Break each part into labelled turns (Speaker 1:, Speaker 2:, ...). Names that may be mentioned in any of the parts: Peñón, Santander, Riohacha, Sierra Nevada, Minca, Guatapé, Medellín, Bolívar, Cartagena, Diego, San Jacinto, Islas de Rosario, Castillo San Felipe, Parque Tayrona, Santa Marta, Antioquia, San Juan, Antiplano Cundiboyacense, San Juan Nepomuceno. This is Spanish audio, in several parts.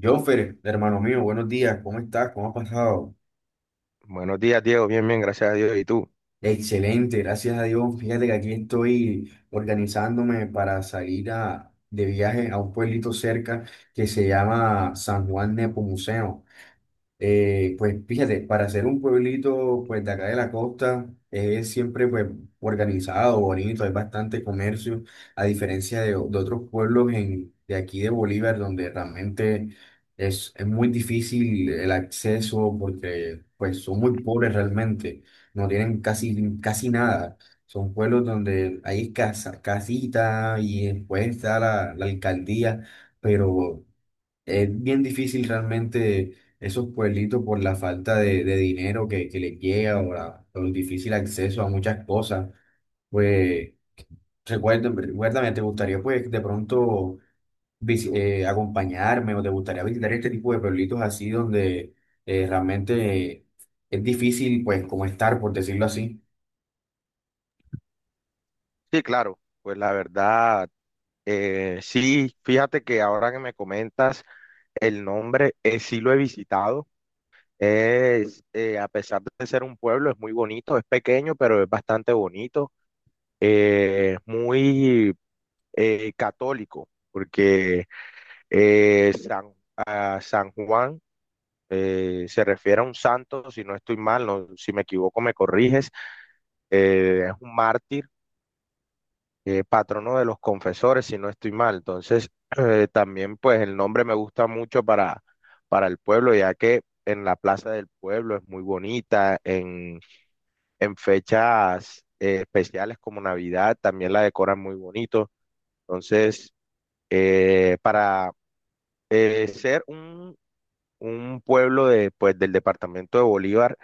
Speaker 1: Jonfer, hermano mío, buenos días, ¿cómo estás? ¿Cómo ha pasado?
Speaker 2: Buenos días, Diego. Bien, gracias a Dios. ¿Y tú?
Speaker 1: Excelente, gracias a Dios. Fíjate que aquí estoy organizándome para salir de viaje a un pueblito cerca que se llama San Juan Nepomuceno. Pues fíjate, para ser un pueblito pues de acá de la costa es siempre pues organizado, bonito, hay bastante comercio, a diferencia de otros pueblos de aquí de Bolívar donde realmente es muy difícil el acceso porque pues son muy pobres realmente, no tienen casi nada. Son pueblos donde hay casa, casita y después está la alcaldía, pero... Es bien difícil realmente esos pueblitos por la falta de dinero que les llega o, el difícil acceso a muchas cosas. Pues recuérdame, ¿te gustaría pues de pronto acompañarme o te gustaría visitar este tipo de pueblitos así donde realmente es difícil pues como estar, por decirlo así?
Speaker 2: Sí, claro. Pues la verdad, sí, fíjate que ahora que me comentas el nombre, sí lo he visitado. A pesar de ser un pueblo, es muy bonito, es pequeño, pero es bastante bonito. Es muy católico, porque eh, San, a San Juan se refiere a un santo, si no estoy mal, no, si me equivoco me corriges, es un mártir patrono de los confesores, si no estoy mal. Entonces, también pues el nombre me gusta mucho para el pueblo, ya que en la Plaza del Pueblo es muy bonita, en fechas especiales como Navidad también la decoran muy bonito. Entonces, eh, para eh, ser un, un pueblo de, pues, del departamento de Bolívar,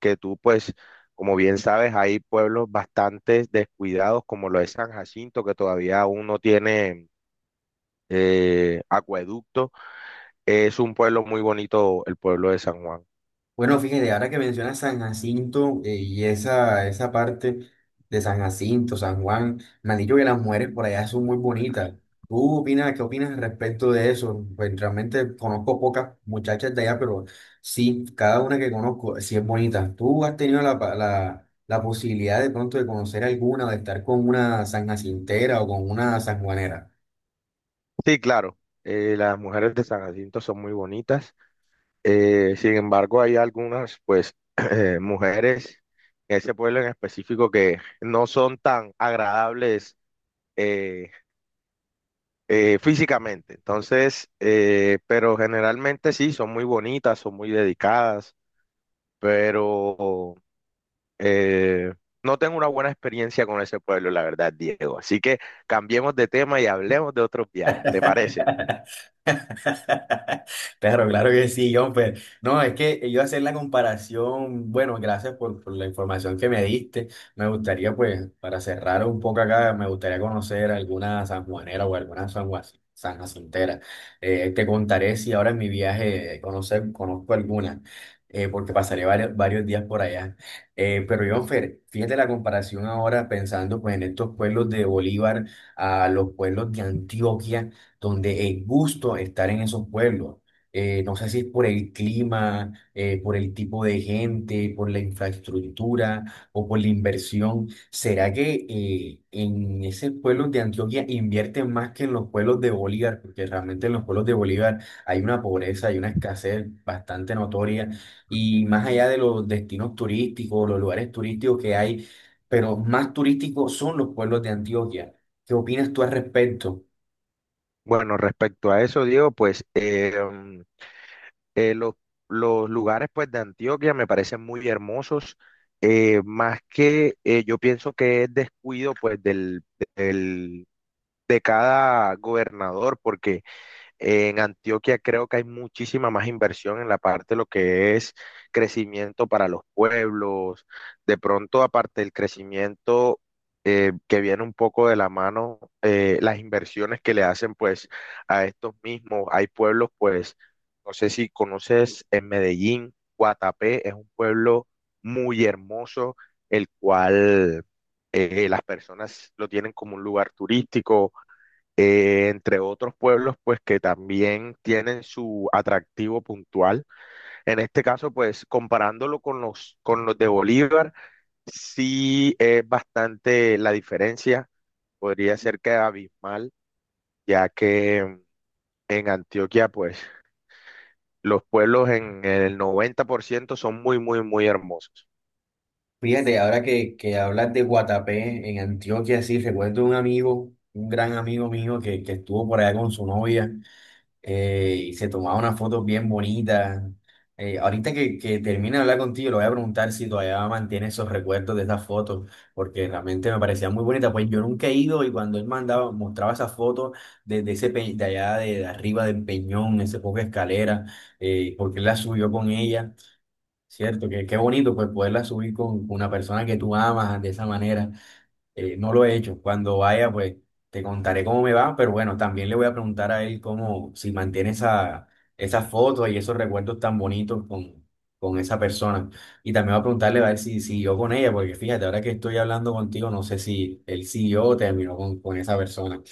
Speaker 2: que tú pues... Como bien sabes, hay pueblos bastante descuidados, como lo es San Jacinto, que todavía aún no tiene acueducto. Es un pueblo muy bonito, el pueblo de San Juan.
Speaker 1: Bueno, fíjate, ahora que mencionas San Jacinto, y esa parte de San Jacinto, San Juan, me han dicho que las mujeres por allá son muy bonitas. ¿Tú opinas, qué opinas al respecto de eso? Pues realmente conozco pocas muchachas de allá, pero sí, cada una que conozco sí es bonita. ¿Tú has tenido la posibilidad de pronto de conocer alguna, de estar con una sanjacintera o con una sanjuanera?
Speaker 2: Sí, claro, las mujeres de San Jacinto son muy bonitas. Sin embargo, hay algunas, pues, mujeres en ese pueblo en específico que no son tan agradables eh, físicamente. Entonces, pero generalmente sí, son muy bonitas, son muy dedicadas, pero Eh, no tengo una buena experiencia con ese pueblo, la verdad, Diego. Así que cambiemos de tema y hablemos de otros viajes, ¿te parece?
Speaker 1: Claro, claro que sí, John. Pues, no, es que yo hacer la comparación, bueno, gracias por la información que me diste. Me gustaría, pues, para cerrar un poco acá, me gustaría conocer alguna sanjuanera o alguna sanjacintera. Te contaré si ahora en mi viaje conozco alguna, porque pasaré varios días por allá. Pero, John, Fer, fíjate la comparación ahora pensando, pues, en estos pueblos de Bolívar a los pueblos de Antioquia donde es gusto estar en esos pueblos. No sé si es por el clima, por el tipo de gente, por la infraestructura o por la inversión. ¿Será que en esos pueblos de Antioquia invierten más que en los pueblos de Bolívar? Porque realmente en los pueblos de Bolívar hay una pobreza, hay una escasez bastante notoria. Y más allá de los destinos turísticos, los lugares turísticos que hay, pero más turísticos son los pueblos de Antioquia. ¿Qué opinas tú al respecto?
Speaker 2: Bueno, respecto a eso, Diego, pues eh, los, los lugares pues, de Antioquia me parecen muy hermosos, más que yo pienso que es descuido pues, del- de cada gobernador, porque en Antioquia creo que hay muchísima más inversión en la parte de lo que es crecimiento para los pueblos. De pronto, aparte del crecimiento que viene un poco de la mano, las inversiones que le hacen pues a estos mismos. Hay pueblos pues, no sé si conoces en Medellín, Guatapé es un pueblo muy hermoso, el cual las personas lo tienen como un lugar turístico entre otros pueblos, pues que también tienen su atractivo puntual. En este caso, pues comparándolo con con los de Bolívar, sí es bastante la diferencia, podría ser que abismal, ya que en Antioquia, pues los pueblos en el 90% son muy, muy, muy hermosos.
Speaker 1: Fíjate, ahora que hablas de Guatapé en Antioquia, sí, recuerdo un amigo, un gran amigo mío que estuvo por allá con su novia, y se tomaba unas fotos bien bonitas. Ahorita que termine de hablar contigo, le voy a preguntar si todavía mantiene esos recuerdos de esas fotos, porque realmente me parecían muy bonitas. Pues yo nunca he ido y cuando él mostraba esas fotos desde de allá de arriba del Peñón, ese poco de escalera, porque él la subió con ella. Cierto, que qué bonito pues poderla subir con una persona que tú amas de esa manera. No lo he hecho. Cuando vaya, pues te contaré cómo me va, pero bueno, también le voy a preguntar a él cómo, si mantiene esas fotos y esos recuerdos tan bonitos con esa persona. Y también voy a preguntarle a ver si siguió con ella, porque fíjate, ahora que estoy hablando contigo, no sé si él siguió o terminó con esa persona.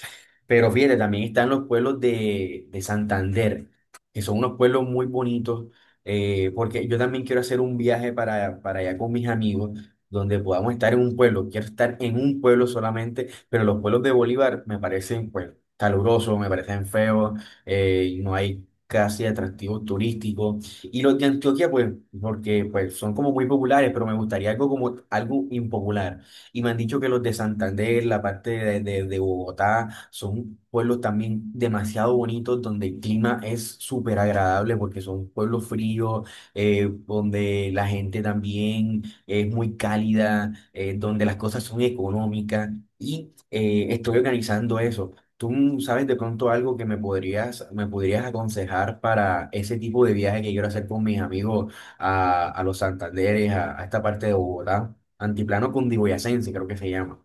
Speaker 1: Pero fíjate, también están los pueblos de Santander, que son unos pueblos muy bonitos, porque yo también quiero hacer un viaje para allá con mis amigos, donde podamos estar en un pueblo. Quiero estar en un pueblo solamente, pero los pueblos de Bolívar me parecen pues calurosos, me parecen feos, no hay casi atractivos turísticos. Y los de Antioquia, pues, porque pues son como muy populares, pero me gustaría algo como algo impopular. Y me han dicho que los de Santander, la parte de Bogotá, Argentina son pueblos también demasiado bonitos donde el clima es súper agradable porque son pueblos fríos, donde la gente también es muy cálida, donde las cosas son económicas y estoy organizando eso. ¿Tú sabes de pronto algo que me me podrías aconsejar para ese tipo de viaje que quiero hacer con mis amigos a los Santanderes, a esta parte de Bogotá? Antiplano Cundiboyacense, creo que se llama.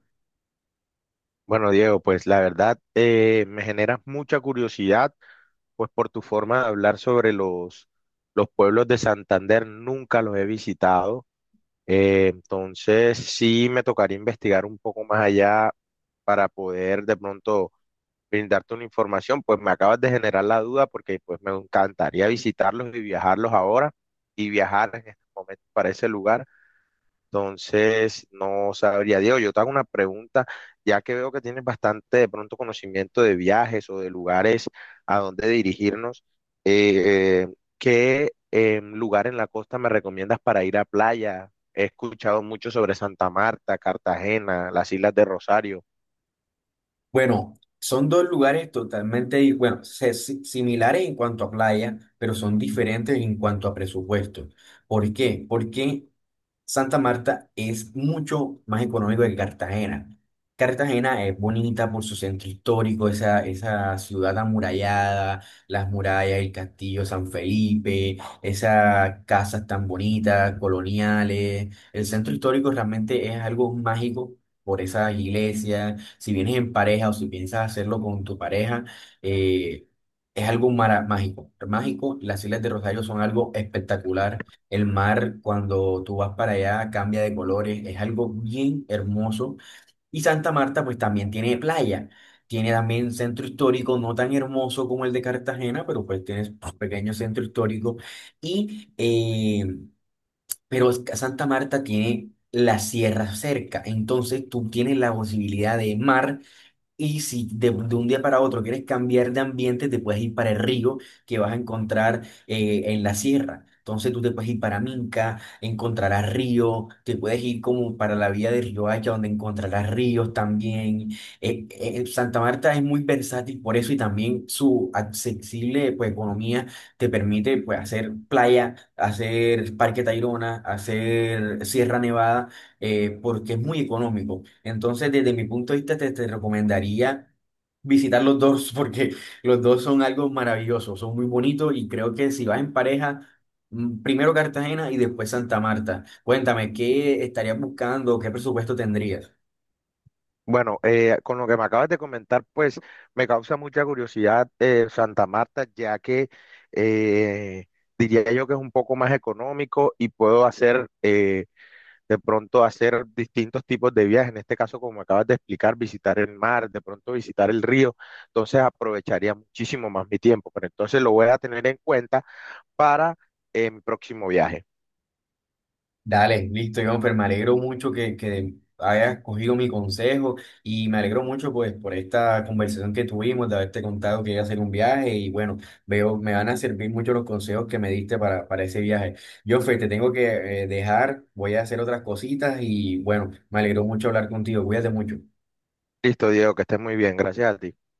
Speaker 2: Bueno, Diego, pues la verdad me generas mucha curiosidad pues por tu forma de hablar sobre los pueblos de Santander, nunca los he visitado. Entonces sí me tocaría investigar un poco más allá para poder de pronto brindarte una información. Pues me acabas de generar la duda porque pues me encantaría visitarlos y viajarlos ahora y viajar en este momento para ese lugar. Entonces, no sabría, Diego, yo te hago una pregunta, ya que veo que tienes bastante de pronto conocimiento de viajes o de lugares a donde dirigirnos, eh, eh, ¿qué lugar en la costa me recomiendas para ir a playa? He escuchado mucho sobre Santa Marta, Cartagena, las Islas de Rosario.
Speaker 1: Bueno, son dos lugares totalmente, bueno, similares en cuanto a playa, pero son diferentes en cuanto a presupuesto. ¿Por qué? Porque Santa Marta es mucho más económico que Cartagena. Cartagena es bonita por su centro histórico, esa ciudad amurallada, las murallas, el castillo San Felipe, esas casas tan bonitas, coloniales. El centro histórico realmente es algo mágico por esas iglesias. Si vienes en pareja o si piensas hacerlo con tu pareja, eh, es algo mágico. Mágico, las Islas de Rosario son algo espectacular, el mar, cuando tú vas para allá, cambia de colores, es algo bien hermoso. Y Santa Marta, pues también tiene playa, tiene también centro histórico, no tan hermoso como el de Cartagena, pero pues tienes un pequeño centro histórico. Y, eh, pero es que Santa Marta tiene la sierra cerca, entonces tú tienes la posibilidad de mar y si de un día para otro quieres cambiar de ambiente, te puedes ir para el río que vas a encontrar en la sierra. Entonces tú te puedes ir para Minca, encontrarás río, te puedes ir como para la vía de Riohacha, donde encontrarás ríos también. Eh, eh, Santa Marta es muy versátil por eso y también su accesible pues, economía te permite pues, hacer playa, hacer Parque Tayrona, hacer Sierra Nevada, porque es muy económico. Entonces, desde mi punto de vista, te recomendaría visitar los dos porque los dos son algo maravilloso, son muy bonitos y creo que si vas en pareja, primero Cartagena y después Santa Marta. Cuéntame, ¿qué estarías buscando? ¿Qué presupuesto tendrías?
Speaker 2: Bueno, con lo que me acabas de comentar, pues me causa mucha curiosidad Santa Marta, ya que... eh, diría yo que es un poco más económico y puedo hacer de pronto hacer distintos tipos de viajes, en este caso como acabas de explicar, visitar el mar, de pronto visitar el río, entonces aprovecharía muchísimo más mi tiempo, pero entonces lo voy a tener en cuenta para mi próximo viaje.
Speaker 1: Dale, listo, Jonfer, me alegro mucho que hayas cogido mi consejo y me alegro mucho pues por esta conversación que tuvimos, de haberte contado que iba a hacer un viaje y bueno, veo, me van a servir mucho los consejos que me diste para ese viaje. Jonfer, te tengo que dejar, voy a hacer otras cositas y bueno, me alegró mucho hablar contigo, cuídate mucho.
Speaker 2: Listo, Diego, que estés muy bien, gracias a ti.